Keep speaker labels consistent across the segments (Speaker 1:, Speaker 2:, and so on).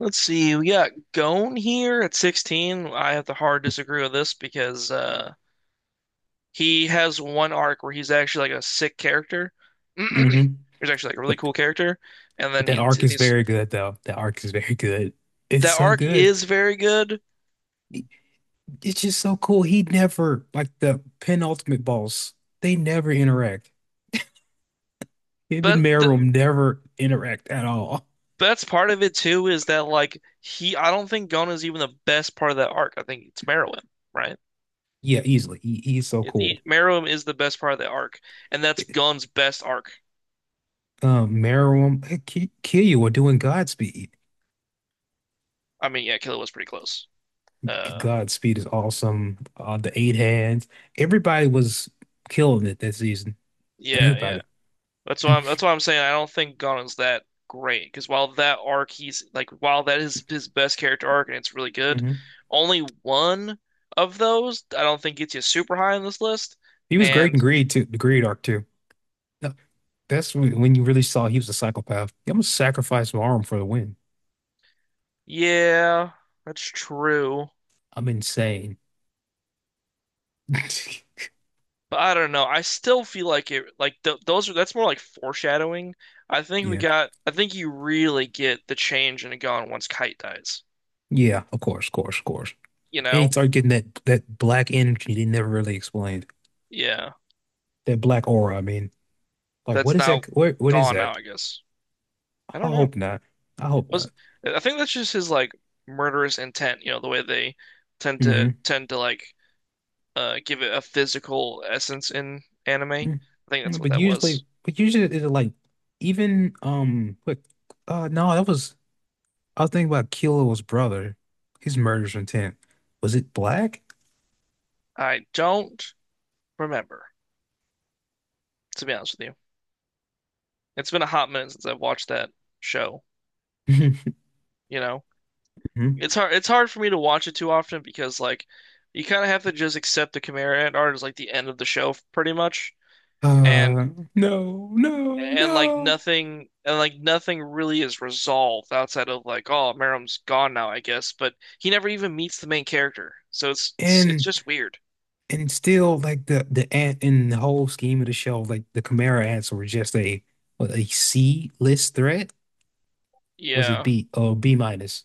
Speaker 1: Let's see. We got Gon here at 16. I have to hard disagree with this because he has one arc where he's actually like a sick character.
Speaker 2: Hmm.
Speaker 1: He's actually like a really
Speaker 2: But
Speaker 1: cool character, and then
Speaker 2: that arc is
Speaker 1: he's
Speaker 2: very good though. That arc is very good. It's
Speaker 1: that
Speaker 2: so
Speaker 1: arc
Speaker 2: good.
Speaker 1: is very good.
Speaker 2: It's just so cool. He never like the penultimate boss. They never interact. Him and
Speaker 1: But th
Speaker 2: Meruem never interact at all.
Speaker 1: That's part of it too is that like he I don't think Gon is even the best part of that arc. I think it's Meruem, right?
Speaker 2: Yeah, easily. He's so
Speaker 1: It's
Speaker 2: cool.
Speaker 1: e Meruem is the best part of the arc, and that's Gon's best arc.
Speaker 2: Meruem, Killua were doing Godspeed.
Speaker 1: I mean, yeah, Killua was pretty close. Uh,
Speaker 2: Godspeed is awesome. The eight hands. Everybody was killing it that season.
Speaker 1: yeah, yeah.
Speaker 2: Everybody.
Speaker 1: That's why I'm saying I don't think Gunna's that great because while that is his best character arc and it's really good,
Speaker 2: Hmm.
Speaker 1: only one of those I don't think gets you super high on this list.
Speaker 2: He was great
Speaker 1: And
Speaker 2: in Greed too. The Greed arc too. When you really saw he was a psychopath. I'm gonna sacrifice my arm for the win.
Speaker 1: yeah, that's true.
Speaker 2: I'm insane.
Speaker 1: But I don't know. I still feel like it like th those are that's more like foreshadowing.
Speaker 2: Yeah.
Speaker 1: I think you really get the change in Gon once Kite dies.
Speaker 2: Yeah, of course, of course, of course.
Speaker 1: You
Speaker 2: And he
Speaker 1: know?
Speaker 2: started getting that black energy they never really explained.
Speaker 1: Yeah.
Speaker 2: That black aura, I mean. Like what
Speaker 1: That's
Speaker 2: is
Speaker 1: now
Speaker 2: that, what is
Speaker 1: gone now,
Speaker 2: that?
Speaker 1: I guess. I
Speaker 2: I
Speaker 1: don't know.
Speaker 2: hope not. I hope not.
Speaker 1: Was I think that's just his like murderous intent, the way they
Speaker 2: Hmm.
Speaker 1: tend to like give it a physical essence in anime. I think that's what
Speaker 2: But
Speaker 1: that
Speaker 2: usually
Speaker 1: was.
Speaker 2: but usually it's like even what no, that was I was thinking about Kilo's brother, his murderous intent. Was it black?
Speaker 1: I don't remember, to be honest with you. It's been a hot minute since I've watched that show, you know. It's hard for me to watch it too often because like you kind of have to just accept the Chimera Ant art as like the end of the show pretty much. And
Speaker 2: Uh, no, no, no.
Speaker 1: and like nothing really is resolved outside of like, oh, Merrim's gone now, I guess, but he never even meets the main character, so it's
Speaker 2: And
Speaker 1: just weird.
Speaker 2: and still like the ant in the whole scheme of the show, like the Chimera ants were just a what, a C list threat. Was it
Speaker 1: Yeah.
Speaker 2: B? Oh, B minus.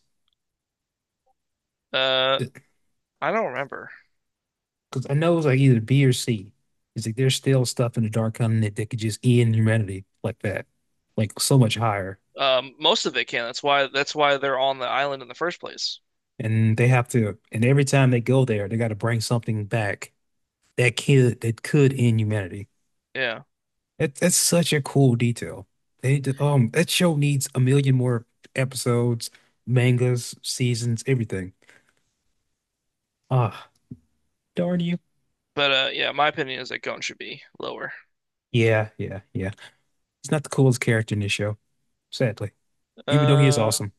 Speaker 1: uh I don't remember.
Speaker 2: Because I know it was like either B or C. It's like there's still stuff in the Dark Continent that could just end humanity like that, like so much higher.
Speaker 1: Most of it can. That's why they're on the island in the first place.
Speaker 2: And they have to, and every time they go there, they got to bring something back that could end humanity.
Speaker 1: Yeah.
Speaker 2: It's such a cool detail. That show needs a million more episodes, mangas, seasons, everything. Ah, darn you.
Speaker 1: but yeah, my opinion is that Gon should be lower.
Speaker 2: Yeah, yeah, yeah. He's not the coolest character in this show, sadly. Even though he is
Speaker 1: Uh
Speaker 2: awesome.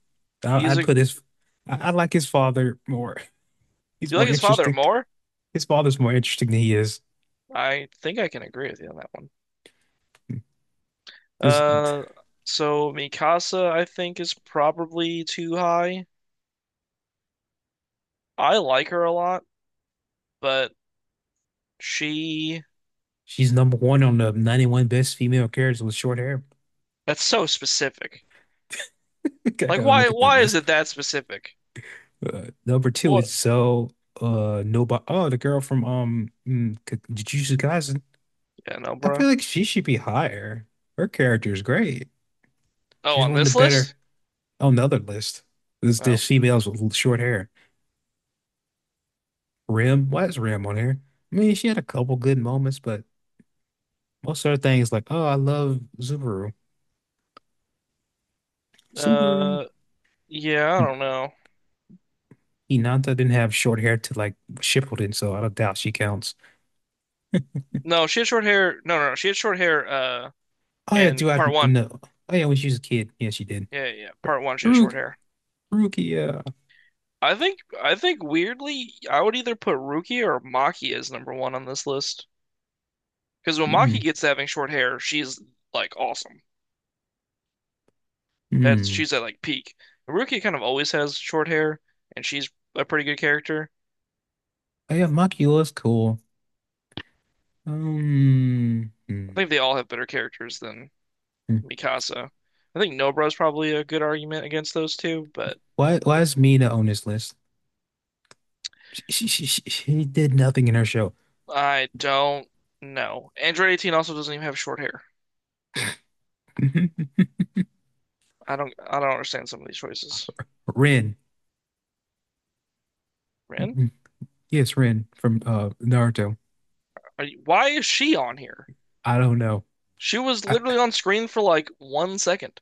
Speaker 2: I,
Speaker 1: he's
Speaker 2: I'd
Speaker 1: a
Speaker 2: put his I like his father more. He's
Speaker 1: You
Speaker 2: more
Speaker 1: like his father
Speaker 2: interesting.
Speaker 1: more.
Speaker 2: His father's more interesting than he is.
Speaker 1: I think I can agree with you on that one.
Speaker 2: This
Speaker 1: uh so Mikasa I think is probably too high. I like her a lot, but she
Speaker 2: she's number one on the 91 best female characters with short hair.
Speaker 1: that's so specific.
Speaker 2: I
Speaker 1: Like,
Speaker 2: gotta
Speaker 1: why
Speaker 2: look at that
Speaker 1: why is
Speaker 2: list.
Speaker 1: it that specific?
Speaker 2: Number two
Speaker 1: What?
Speaker 2: is so nobody. Oh, the girl from Jujutsu Kaisen.
Speaker 1: Yeah, no,
Speaker 2: I feel
Speaker 1: bro.
Speaker 2: like she should be higher. Her character is great.
Speaker 1: Oh,
Speaker 2: She's
Speaker 1: on
Speaker 2: one of the
Speaker 1: this
Speaker 2: better
Speaker 1: list?
Speaker 2: on the other list. There's the
Speaker 1: No.
Speaker 2: females with short hair. Rim, why is Rim on here? I mean, she had a couple good moments, but most of her things like, oh, I love Subaru. Subaru.
Speaker 1: Uh yeah, I
Speaker 2: Hmm.
Speaker 1: don't know.
Speaker 2: Hinata didn't have short hair to like Shippuden, so I don't doubt she counts.
Speaker 1: No, she had short hair. No, no, no. She had short hair
Speaker 2: Oh yeah,
Speaker 1: in
Speaker 2: do I
Speaker 1: part one.
Speaker 2: know? Oh yeah, when she was a kid, yeah, she did.
Speaker 1: Yeah, yeah, yeah, part one she had
Speaker 2: Haru
Speaker 1: short hair.
Speaker 2: Rukia.
Speaker 1: I think weirdly I would either put Ruki or Maki as number one on this list. Because when Maki
Speaker 2: Hmm.
Speaker 1: gets to having short hair, she's like awesome. That's
Speaker 2: Hmm.
Speaker 1: she's at like peak. Haruki kind of always has short hair, and she's a pretty good character.
Speaker 2: Oh yeah, Makula's cool.
Speaker 1: I
Speaker 2: Hmm.
Speaker 1: think they all have better characters than
Speaker 2: Hmm.
Speaker 1: Mikasa. I think Nobra's probably a good argument against those two, but
Speaker 2: Why? Why is Mina on this list? She did nothing in her show.
Speaker 1: I don't know. Android 18 also doesn't even have short hair.
Speaker 2: Mhm.
Speaker 1: I don't understand some of these choices.
Speaker 2: Rin.
Speaker 1: Rin,
Speaker 2: Mhm. Yes, Rin from Naruto.
Speaker 1: why is she on here?
Speaker 2: I don't know.
Speaker 1: She was
Speaker 2: I,
Speaker 1: literally on screen for like 1 second.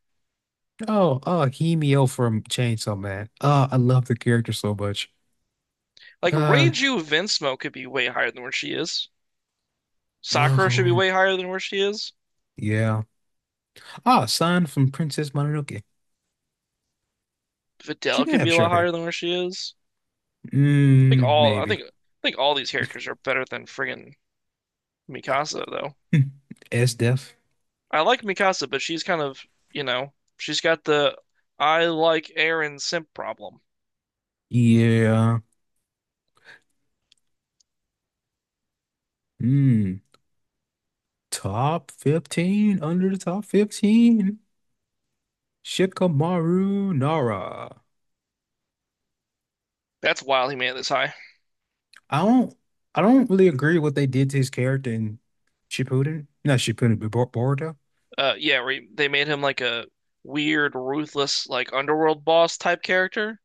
Speaker 2: oh, oh, Himeo from Chainsaw Man. Oh, I love the character so much.
Speaker 1: Like,
Speaker 2: Uh,
Speaker 1: Reiju Vinsmoke could be way higher than where she is. Sakura should be
Speaker 2: oh,
Speaker 1: way higher than where she is.
Speaker 2: yeah. Ah, San from Princess Mononoke. She
Speaker 1: Videl
Speaker 2: did
Speaker 1: could be
Speaker 2: have
Speaker 1: a lot
Speaker 2: short hair.
Speaker 1: higher than where she is. Think
Speaker 2: Mm,
Speaker 1: all
Speaker 2: maybe.
Speaker 1: I think all these characters are better than friggin' Mikasa though.
Speaker 2: S Def.
Speaker 1: I like Mikasa, but she's kind of, you know, she's got the I like Aaron simp problem.
Speaker 2: Yeah. Mm, top 15, under the top 15. Shikamaru Nara.
Speaker 1: That's wild he made it this high.
Speaker 2: I don't I don't really agree what they did to his character in Shippuden. Not Shippuden, but Boruto.
Speaker 1: Yeah, where they made him like a weird, ruthless, like underworld boss type character.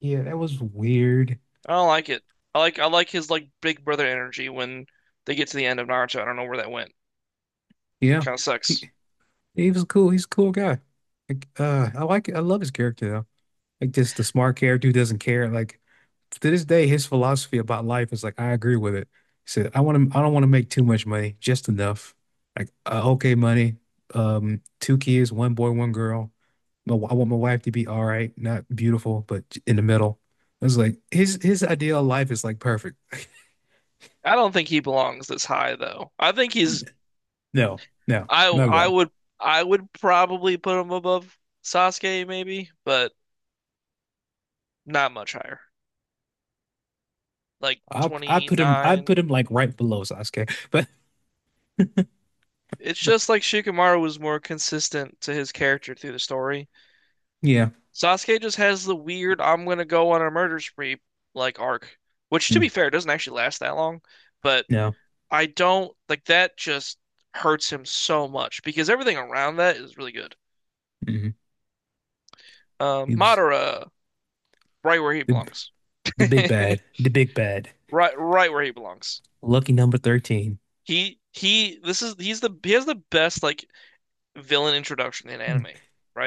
Speaker 2: Yeah, that was weird.
Speaker 1: I don't like it. I like his like big brother energy when they get to the end of Naruto. I don't know where that went.
Speaker 2: Yeah.
Speaker 1: Kind of
Speaker 2: He,
Speaker 1: sucks.
Speaker 2: he was cool. He's a cool guy. Like, I love his character though. Like just the smart character who doesn't care. Like to this day, his philosophy about life is like, I agree with it. He said, I don't want to make too much money, just enough. Like, okay, money, two kids, one boy, one girl. I want my wife to be all right, not beautiful, but in the middle. I was like, his ideal life is like perfect.
Speaker 1: I don't think he belongs this high though. I think he's
Speaker 2: No, no,
Speaker 1: I
Speaker 2: not at
Speaker 1: I
Speaker 2: all.
Speaker 1: would probably put him above Sasuke maybe, but not much higher. Like
Speaker 2: I put
Speaker 1: 29.
Speaker 2: him like right below Sasuke. But
Speaker 1: It's just like Shikamaru was more consistent to his character through the story.
Speaker 2: yeah,
Speaker 1: Sasuke just has the weird I'm gonna go on a murder spree like arc, which to be
Speaker 2: mm,
Speaker 1: fair doesn't actually last that long, but
Speaker 2: no,
Speaker 1: I don't like that just hurts him so much because everything around that is really good.
Speaker 2: mm. He was
Speaker 1: Madara right where he
Speaker 2: the
Speaker 1: belongs.
Speaker 2: the big bad, the big bad,
Speaker 1: Right where he belongs.
Speaker 2: lucky number 13.
Speaker 1: He this is he's the he has the best like villain introduction in anime,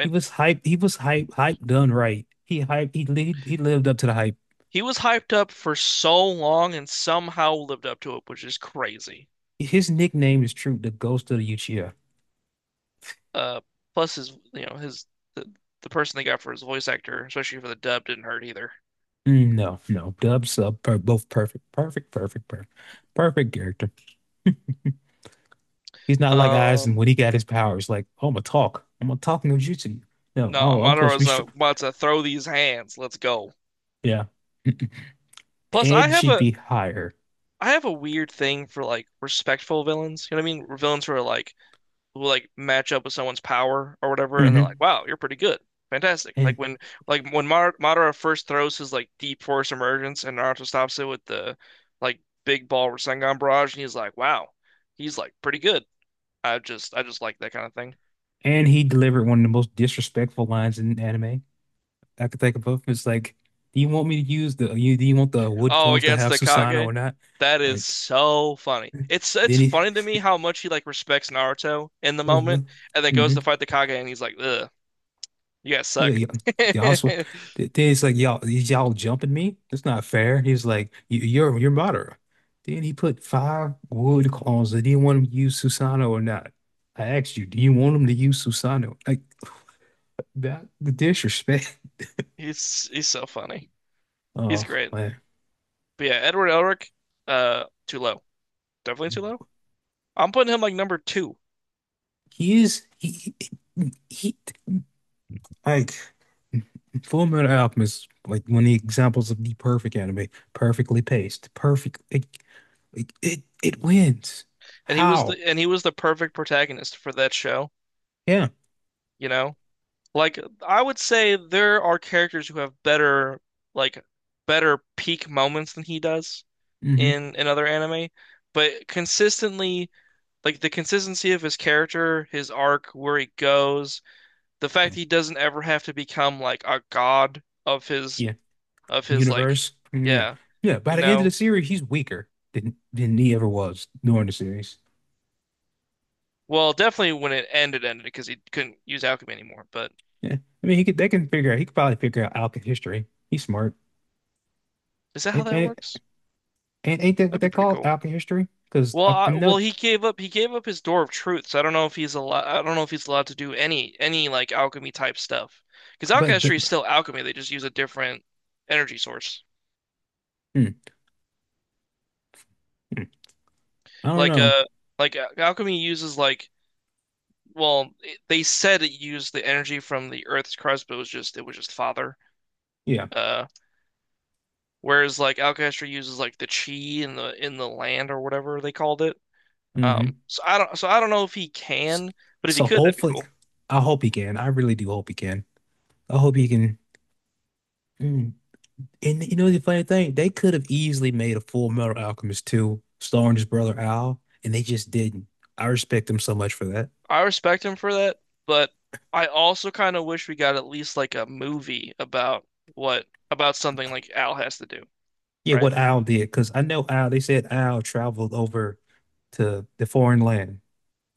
Speaker 2: He was hype. He was hype. Hype done right. He hype. He lived. He lived up to the hype.
Speaker 1: He was hyped up for so long and somehow lived up to it, which is crazy.
Speaker 2: His nickname is true. The Ghost of the Uchiha.
Speaker 1: Uh plus his, you know, his the, the person they got for his voice actor, especially for the dub, didn't hurt either.
Speaker 2: Mm, no, no, dub sub, per, both perfect, perfect, perfect, perfect, perfect character. He's not like Aizen
Speaker 1: Um
Speaker 2: when he got his powers. Like, oh, I'm gonna talk. I'm gonna talk no jutsu. No,
Speaker 1: no,
Speaker 2: oh, I'm supposed to be
Speaker 1: Madora's
Speaker 2: strong.
Speaker 1: about to throw these hands. Let's go.
Speaker 2: Yeah.
Speaker 1: Plus
Speaker 2: Ed should be higher.
Speaker 1: I have a weird thing for like respectful villains. You know what I mean? Villains who are like who like match up with someone's power or whatever, and they're like,
Speaker 2: Hmm.
Speaker 1: "Wow, you're pretty good, fantastic!"
Speaker 2: And
Speaker 1: Like when Mar Madara first throws his like deep force emergence, and Naruto stops it with the like big ball Rasengan barrage, and he's like, "Wow, he's like pretty good." I just like that kind of thing.
Speaker 2: and he delivered one of the most disrespectful lines in anime. I could take a puff. It's like, do you want me to use the you do you want the wood
Speaker 1: Oh,
Speaker 2: clones to
Speaker 1: against
Speaker 2: have
Speaker 1: the
Speaker 2: Susanoo
Speaker 1: Kage,
Speaker 2: or not?
Speaker 1: that is
Speaker 2: Like
Speaker 1: so funny. It's
Speaker 2: then he
Speaker 1: funny to me how much he like respects Naruto in the
Speaker 2: hmm
Speaker 1: moment, and then goes
Speaker 2: hmm.
Speaker 1: to fight the Kage, and he's like, "Ugh, you guys
Speaker 2: Yeah,
Speaker 1: suck."
Speaker 2: yeah. Y'all also then it's like y'all jumping me? That's not fair. He's like, "You- you're moderate. Then he put five wood clones that didn't want him to use Susanoo or not. I asked you, do you want him to use Susanoo? Like that the disrespect.
Speaker 1: He's so funny. He's
Speaker 2: Oh
Speaker 1: great.
Speaker 2: man.
Speaker 1: But yeah, Edward Elric, too low. Definitely too low. I'm putting him like number two,
Speaker 2: He is he like Full Metal Alchemist, like one of the examples of the perfect anime, perfectly paced, perfect. It wins. How?
Speaker 1: and he was the perfect protagonist for that show.
Speaker 2: Yeah.
Speaker 1: You know, like I would say there are characters who have better like better peak moments than he does
Speaker 2: Hmm.
Speaker 1: in another anime, but consistently. Like the consistency of his character, his arc, where he goes, the fact
Speaker 2: Yeah.
Speaker 1: that he doesn't ever have to become like a god
Speaker 2: Yeah.
Speaker 1: of his like
Speaker 2: Universe. Yeah.
Speaker 1: yeah,
Speaker 2: Yeah. By
Speaker 1: you
Speaker 2: the end of
Speaker 1: know.
Speaker 2: the series, he's weaker than he ever was during the series.
Speaker 1: Well, definitely when it ended, ended because he couldn't use alchemy anymore. But
Speaker 2: Yeah. I mean, he could they can figure out. He could probably figure out Alka history. He's smart.
Speaker 1: is that how
Speaker 2: Ain't
Speaker 1: that
Speaker 2: ain't,
Speaker 1: works?
Speaker 2: ain't that what
Speaker 1: That'd be
Speaker 2: they
Speaker 1: pretty
Speaker 2: call
Speaker 1: cool.
Speaker 2: Alka history? Because I'm
Speaker 1: Well,
Speaker 2: not.
Speaker 1: he gave up. He gave up his door of truth. So I don't know if he's allowed. I don't know if he's allowed to do any like alchemy type stuff. Because
Speaker 2: But the,
Speaker 1: alchemy is still alchemy. They just use a different energy source.
Speaker 2: hmm, hmm. I don't
Speaker 1: Like
Speaker 2: know.
Speaker 1: uh, al- alchemy uses like well, they said it used the energy from the Earth's crust, but it was just father.
Speaker 2: Yeah.
Speaker 1: Uh, whereas like alchemy uses like the chi in the land or whatever they called it.
Speaker 2: Hmm.
Speaker 1: So I don't know if he
Speaker 2: S-
Speaker 1: can, but if he
Speaker 2: So
Speaker 1: could, that'd be
Speaker 2: hopefully,
Speaker 1: cool.
Speaker 2: I hope he can. I really do hope he can. I hope he can. Mm. And you know the funny thing, they could have easily made a Full Metal Alchemist 2 starring his brother Al, and they just didn't. I respect them so much for that.
Speaker 1: I respect him for that, but I also kind of wish we got at least like a movie about what about something like Al has to do,
Speaker 2: Yeah, what
Speaker 1: right?
Speaker 2: Al did, because I know Al. They said Al traveled over to the foreign land.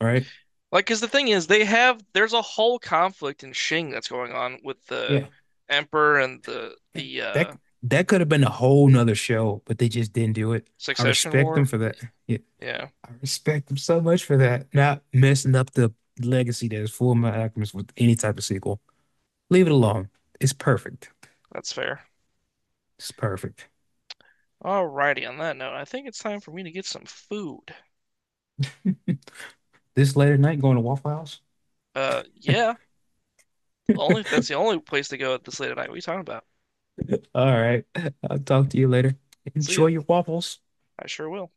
Speaker 2: All right.
Speaker 1: Like, because the thing is, they have there's a whole conflict in Shing that's going on with the
Speaker 2: Yeah.
Speaker 1: Emperor and the
Speaker 2: Yeah.
Speaker 1: the
Speaker 2: That
Speaker 1: uh,
Speaker 2: that could have been a whole nother show, but they just didn't do it. I
Speaker 1: Succession
Speaker 2: respect them
Speaker 1: War.
Speaker 2: for that. Yeah.
Speaker 1: Yeah,
Speaker 2: I respect him so much for that. Not messing up the legacy that is Full Metal Alchemist with any type of sequel. Leave it alone. It's perfect.
Speaker 1: that's fair.
Speaker 2: It's perfect.
Speaker 1: Alrighty, on that note, I think it's time for me to get some food.
Speaker 2: This later night going to Waffle House?
Speaker 1: Yeah, only that's the only place to go at this late at night. What are you talking about?
Speaker 2: All right. I'll talk to you later.
Speaker 1: See
Speaker 2: Enjoy
Speaker 1: ya.
Speaker 2: your waffles.
Speaker 1: I sure will.